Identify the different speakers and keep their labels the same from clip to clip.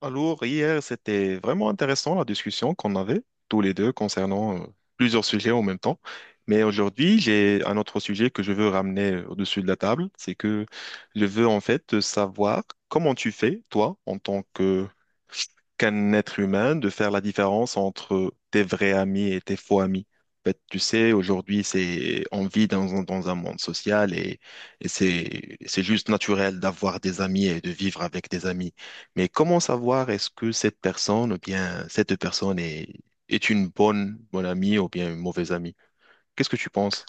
Speaker 1: Alors, hier, c'était vraiment intéressant la discussion qu'on avait tous les deux concernant plusieurs sujets en même temps. Mais aujourd'hui, j'ai un autre sujet que je veux ramener au-dessus de la table. C'est que je veux en fait savoir comment tu fais, toi, en tant que qu'un être humain de faire la différence entre tes vrais amis et tes faux amis. En fait, tu sais, aujourd'hui, c'est, on vit dans, dans un monde social et c'est juste naturel d'avoir des amis et de vivre avec des amis. Mais comment savoir est-ce que cette personne, ou bien, cette personne est, est une bonne, bonne amie ou bien une mauvaise amie? Qu'est-ce que tu penses?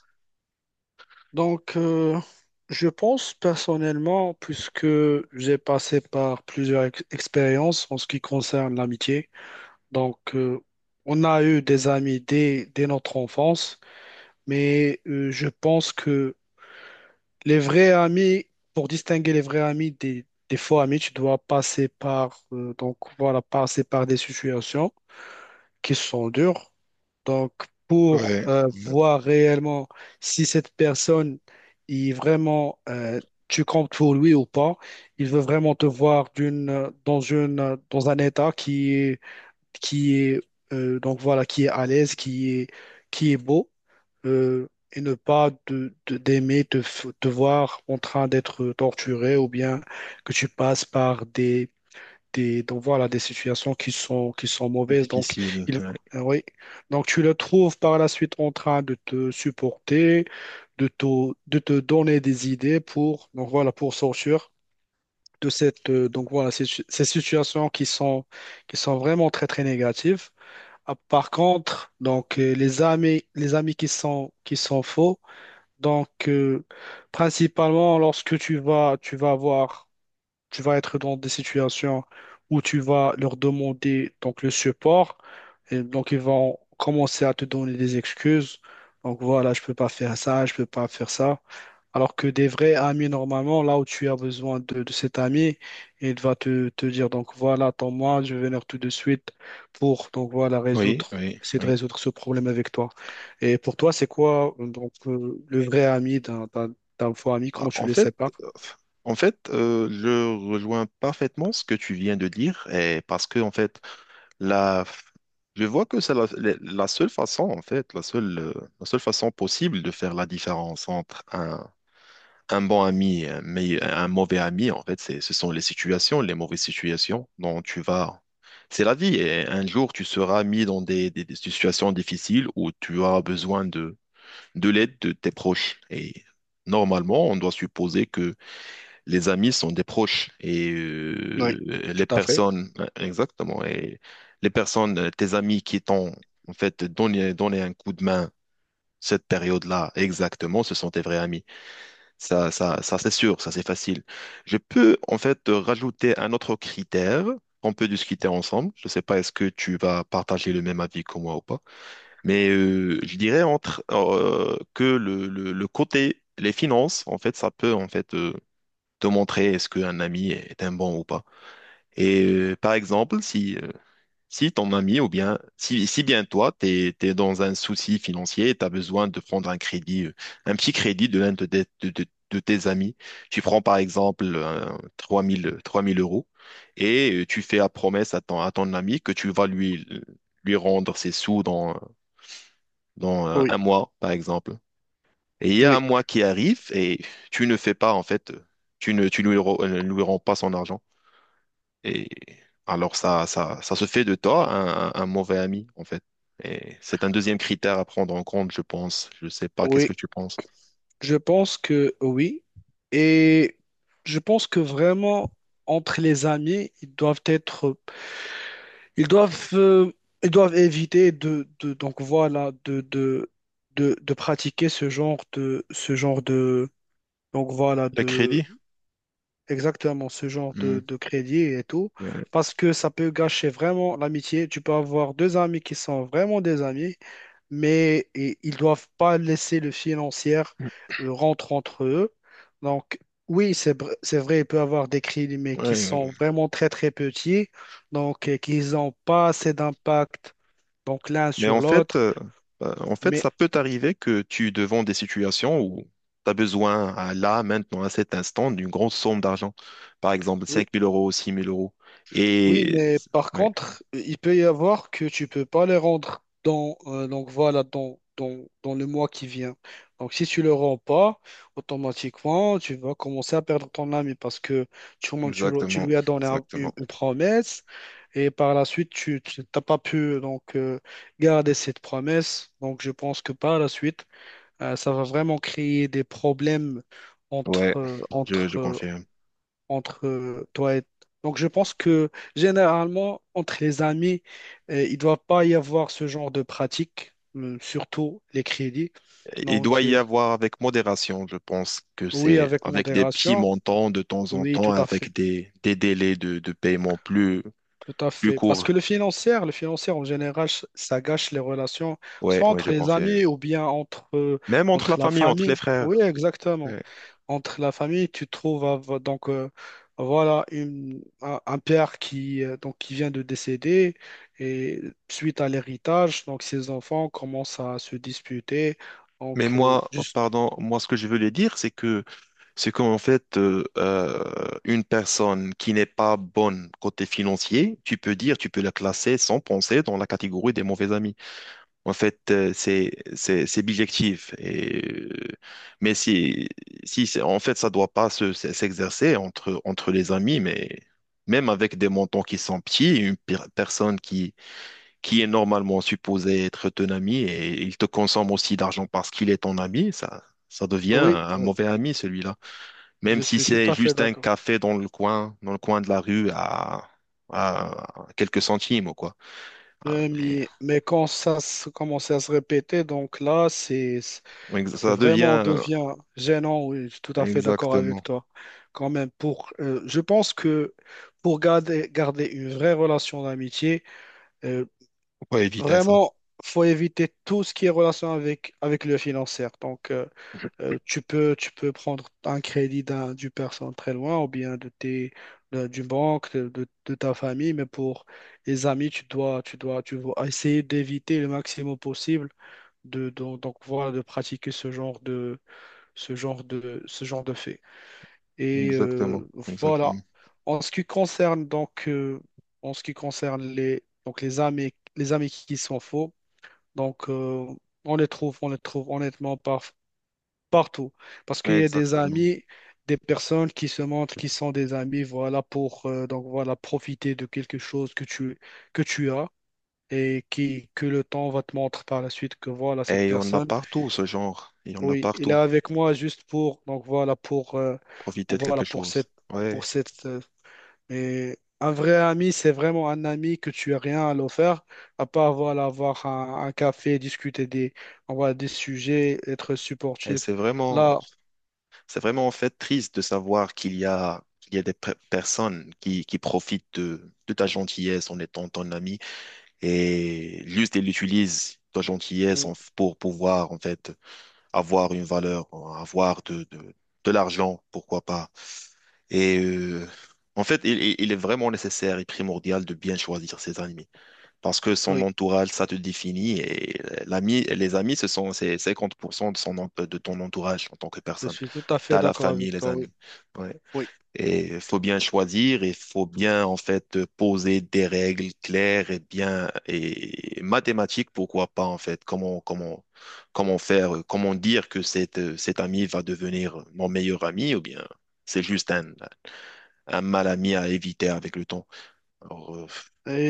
Speaker 2: Donc, je pense personnellement, puisque j'ai passé par plusieurs expériences en ce qui concerne l'amitié, donc, on a eu des amis dès notre enfance, mais, je pense que les vrais amis, pour distinguer les vrais amis des faux amis, tu dois passer par des situations qui sont dures. Donc,
Speaker 1: Ouais,
Speaker 2: pour
Speaker 1: ouais.
Speaker 2: voir réellement si cette personne est tu comptes pour lui ou pas, il veut vraiment te voir dans un état qui est, donc voilà, qui est à l'aise, qui est beau, et ne pas d'aimer te voir en train d'être torturé ou bien que tu passes par des situations qui sont mauvaises. Donc,
Speaker 1: Difficile.
Speaker 2: il,
Speaker 1: Ouais.
Speaker 2: oui. Donc, tu le trouves par la suite en train de te supporter, de te, de te donner des idées pour sortir de cette, donc voilà, ces, ces situations qui sont vraiment très, très négatives. Ah, par contre, donc, les amis qui sont faux, donc, principalement lorsque tu vas être dans des situations où tu vas leur demander donc le support et donc ils vont commencer à te donner des excuses. Donc voilà, je peux pas faire ça, je peux pas faire ça. Alors que des vrais amis, normalement, là où tu as besoin de cet ami, il va te dire, donc voilà, attends-moi, je vais venir tout de suite pour, donc voilà,
Speaker 1: Oui, oui,
Speaker 2: essayer de
Speaker 1: oui.
Speaker 2: résoudre ce problème avec toi. Et pour toi, c'est quoi, donc, le vrai ami d'un faux ami,
Speaker 1: Ah,
Speaker 2: comment tu
Speaker 1: en
Speaker 2: le
Speaker 1: fait,
Speaker 2: sépares?
Speaker 1: euh, en fait, je rejoins parfaitement ce que tu viens de dire, et parce que en fait, la, je vois que c'est la, la seule façon, en fait, la seule façon possible de faire la différence entre un bon ami et un, un mauvais ami, en fait, c'est, ce sont les situations, les mauvaises situations dont tu vas. C'est la vie, et un jour, tu seras mis dans des, des situations difficiles où tu auras besoin de l'aide de tes proches. Et normalement, on doit supposer que les amis sont des proches et
Speaker 2: Oui,
Speaker 1: les
Speaker 2: tout à fait.
Speaker 1: personnes, exactement, et les personnes, tes amis qui t'ont en fait donné, donné un coup de main cette période-là, exactement, ce sont tes vrais amis. Ça c'est sûr, ça c'est facile. Je peux en fait rajouter un autre critère qu'on peut discuter ensemble. Je ne sais pas, est-ce que tu vas partager le même avis que moi ou pas. Mais je dirais entre que le côté, les finances, en fait, ça peut en fait te montrer est-ce qu'un ami est un bon ou pas. Et par exemple, si, si ton ami ou bien si, si bien toi, t'es, t'es dans un souci financier et tu besoin de prendre un crédit, un petit crédit de l'un de, de, de tes amis, tu prends par exemple trois mille euros et tu fais la promesse à ton ami que tu vas lui, lui rendre ses sous dans, dans
Speaker 2: Oui,
Speaker 1: un mois, par exemple. Et il y a un
Speaker 2: oui,
Speaker 1: mois qui arrive et tu ne fais pas, en fait, tu ne, tu lui, lui rends pas son argent. Et alors, ça se fait de toi un, un mauvais ami, en fait. Et c'est un deuxième critère à prendre en compte, je pense. Je sais pas, qu'est-ce
Speaker 2: oui.
Speaker 1: que tu penses?
Speaker 2: Je pense que oui. Et je pense que vraiment, entre les amis, ils doivent être, ils doivent, euh, ils doivent éviter donc voilà, de pratiquer donc voilà,
Speaker 1: Le crédit?
Speaker 2: exactement, ce genre
Speaker 1: Hmm.
Speaker 2: de crédit et tout,
Speaker 1: Ouais.
Speaker 2: parce que ça peut gâcher vraiment l'amitié. Tu peux avoir deux amis qui sont vraiment des amis, mais ils doivent pas laisser le financier
Speaker 1: Mmh.
Speaker 2: rentrer entre eux. Donc, oui, c'est vrai, il peut y avoir des crédits, mais qui
Speaker 1: Ouais,
Speaker 2: sont vraiment très, très petits, donc, qu'ils n'ont pas assez d'impact, donc l'un
Speaker 1: mais
Speaker 2: sur l'autre.
Speaker 1: en fait,
Speaker 2: Mais
Speaker 1: ça peut t'arriver que tu es devant des situations où tu as besoin, à là, maintenant, à cet instant, d'une grosse somme d'argent. Par exemple,
Speaker 2: oui.
Speaker 1: cinq mille euros, six mille euros.
Speaker 2: Oui,
Speaker 1: Et...
Speaker 2: mais par
Speaker 1: Ouais,
Speaker 2: contre, il peut y avoir que tu peux pas les rendre dans, donc voilà, dans, dans, dans le mois qui vient. Donc, si tu le rends pas, automatiquement, tu vas commencer à perdre ton ami parce que tu
Speaker 1: exactement,
Speaker 2: lui as donné un- une,
Speaker 1: exactement.
Speaker 2: une promesse et par la suite, t'as pas pu donc, garder cette promesse. Donc, je pense que par la suite, ça va vraiment créer des problèmes
Speaker 1: Ouais,
Speaker 2: entre, euh, entre,
Speaker 1: je
Speaker 2: euh,
Speaker 1: confirme.
Speaker 2: entre toi et... Donc je pense que généralement, entre les amis, il ne doit pas y avoir ce genre de pratique, surtout les crédits.
Speaker 1: Et il doit
Speaker 2: Donc,
Speaker 1: y avoir avec modération, je pense que
Speaker 2: oui,
Speaker 1: c'est
Speaker 2: avec
Speaker 1: avec des petits
Speaker 2: modération,
Speaker 1: montants de temps en
Speaker 2: oui,
Speaker 1: temps,
Speaker 2: tout à
Speaker 1: avec
Speaker 2: fait.
Speaker 1: des délais de paiement plus,
Speaker 2: Tout à
Speaker 1: plus
Speaker 2: fait. Parce
Speaker 1: courts.
Speaker 2: que le financier en général, ça gâche les relations,
Speaker 1: Ouais,
Speaker 2: soit
Speaker 1: ouais,
Speaker 2: entre
Speaker 1: je
Speaker 2: les
Speaker 1: confirme.
Speaker 2: amis ou bien entre, euh,
Speaker 1: Même entre la
Speaker 2: entre la
Speaker 1: famille, entre les
Speaker 2: famille. Oui,
Speaker 1: frères.
Speaker 2: exactement.
Speaker 1: Ouais.
Speaker 2: Entre la famille, tu trouves donc, voilà un père qui vient de décéder et suite à l'héritage, donc ses enfants commencent à se disputer.
Speaker 1: Mais
Speaker 2: Donc,
Speaker 1: moi,
Speaker 2: juste.
Speaker 1: pardon, moi, ce que je voulais dire, c'est que c'est qu'en fait, une personne qui n'est pas bonne côté financier, tu peux dire, tu peux la classer sans penser dans la catégorie des mauvais amis. En fait, c'est bijectif. Et euh, mais si si en fait, ça doit pas s'exercer entre entre les amis, mais même avec des montants qui sont petits, une personne qui est normalement supposé être ton ami et il te consomme aussi d'argent parce qu'il est ton ami, ça devient
Speaker 2: Oui,
Speaker 1: un
Speaker 2: oui,
Speaker 1: mauvais ami, celui-là. Même
Speaker 2: je
Speaker 1: si
Speaker 2: suis tout
Speaker 1: c'est
Speaker 2: à fait
Speaker 1: juste un
Speaker 2: d'accord.
Speaker 1: café dans le coin de la rue à quelques centimes ou quoi. Ah,
Speaker 2: Ouais, mais quand ça commençait à se répéter, donc là, c'est,
Speaker 1: mais
Speaker 2: c'est
Speaker 1: ça
Speaker 2: vraiment
Speaker 1: devient
Speaker 2: devient gênant. Oui, je suis tout à fait d'accord avec
Speaker 1: exactement.
Speaker 2: toi. Quand même, je pense que pour garder une vraie relation d'amitié, euh,
Speaker 1: Faut pas éviter ça.
Speaker 2: vraiment, faut éviter tout ce qui est relation avec le financier. Donc, tu peux prendre un crédit d'une personne très loin ou bien d'une banque, de ta famille, mais pour les amis, tu dois essayer d'éviter le maximum possible de, donc, voilà, de pratiquer ce genre de, ce genre de, ce genre de fait. Et,
Speaker 1: Exactement,
Speaker 2: voilà.
Speaker 1: exactement,
Speaker 2: En ce qui concerne les amis qui sont faux, donc, on les trouve honnêtement partout. Parce qu'il y a des
Speaker 1: exactement.
Speaker 2: amis, des personnes qui se montrent qui sont des amis, voilà, pour donc voilà, profiter de quelque chose que tu as et que le temps va te montrer par la suite que voilà, cette
Speaker 1: Et on a
Speaker 2: personne,
Speaker 1: partout ce genre. Il y en a
Speaker 2: oui, il est
Speaker 1: partout.
Speaker 2: avec moi juste
Speaker 1: Profiter
Speaker 2: donc
Speaker 1: de
Speaker 2: voilà,
Speaker 1: quelque
Speaker 2: pour
Speaker 1: chose.
Speaker 2: cette, pour
Speaker 1: Ouais.
Speaker 2: cette, euh, mais un vrai ami, c'est vraiment un ami que tu as rien à l'offrir, à part, voilà, avoir un café, discuter des sujets, être
Speaker 1: Et
Speaker 2: supportif.
Speaker 1: c'est vraiment
Speaker 2: Là,
Speaker 1: c'est vraiment en fait triste de savoir qu'il y a des personnes qui profitent de ta gentillesse en étant ton ami et juste ils utilisent ta gentillesse
Speaker 2: on-
Speaker 1: pour pouvoir en fait avoir une valeur, avoir de l'argent, pourquoi pas. Et en fait, il est vraiment nécessaire et primordial de bien choisir ses amis parce que son
Speaker 2: oui.
Speaker 1: entourage, ça te définit et l'ami, les amis, ce sont c'est 50% de son, de ton entourage en tant que
Speaker 2: Je
Speaker 1: personne.
Speaker 2: suis tout à fait
Speaker 1: T'as la
Speaker 2: d'accord
Speaker 1: famille,
Speaker 2: avec
Speaker 1: les
Speaker 2: toi, oui.
Speaker 1: amis. Ouais.
Speaker 2: Oui.
Speaker 1: Et faut bien choisir, il faut bien en fait poser des règles claires et bien et mathématiques, pourquoi pas en fait. Comment comment comment faire, comment dire que cet cet ami va devenir mon meilleur ami ou bien c'est juste un mal ami à éviter avec le temps. Alors,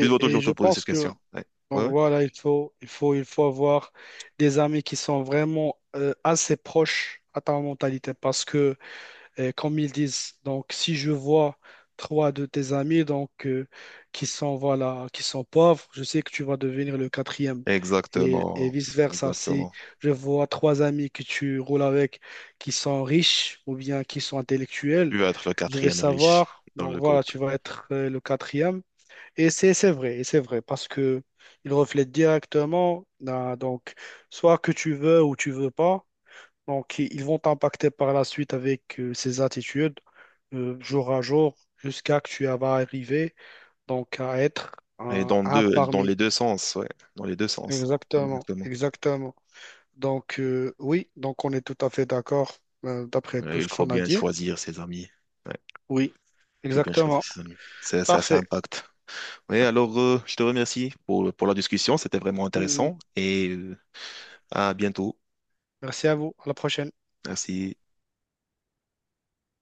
Speaker 1: tu dois
Speaker 2: et
Speaker 1: toujours te
Speaker 2: je
Speaker 1: poser cette
Speaker 2: pense que,
Speaker 1: question. Ouais.
Speaker 2: donc
Speaker 1: Ouais,
Speaker 2: voilà, il faut avoir des amis qui sont vraiment assez proches à ta mentalité parce que comme ils disent. Donc, si je vois trois de tes amis donc, qui sont pauvres, je sais que tu vas devenir le quatrième. Et,
Speaker 1: exactement,
Speaker 2: vice-versa, si
Speaker 1: exactement.
Speaker 2: je vois trois amis que tu roules avec qui sont riches ou bien qui sont intellectuels,
Speaker 1: Tu vas être le
Speaker 2: je vais
Speaker 1: quatrième riche
Speaker 2: savoir,
Speaker 1: dans
Speaker 2: donc
Speaker 1: le
Speaker 2: voilà,
Speaker 1: groupe.
Speaker 2: tu vas être le quatrième. Et c'est vrai, et c'est vrai, parce que il reflète directement, ah, donc, soit que tu veux ou tu veux pas, donc, ils vont t'impacter par la suite avec ces attitudes, jour à jour, jusqu'à que tu vas arriver donc à être
Speaker 1: Et
Speaker 2: un,
Speaker 1: dans
Speaker 2: un
Speaker 1: deux, dans les
Speaker 2: parmi.
Speaker 1: deux sens, ouais, dans les deux sens,
Speaker 2: Exactement,
Speaker 1: exactement.
Speaker 2: exactement. Donc, oui, donc on est tout à fait d'accord, d'après tout
Speaker 1: Ouais, il
Speaker 2: ce
Speaker 1: faut
Speaker 2: qu'on a
Speaker 1: bien
Speaker 2: dit.
Speaker 1: choisir ses amis. Ouais,
Speaker 2: Oui,
Speaker 1: il faut bien choisir
Speaker 2: exactement.
Speaker 1: ses amis. Ça
Speaker 2: Parfait.
Speaker 1: impacte. Oui, alors je te remercie pour la discussion, c'était vraiment
Speaker 2: Mhm.
Speaker 1: intéressant et à bientôt.
Speaker 2: Merci à vous. À la prochaine.
Speaker 1: Merci.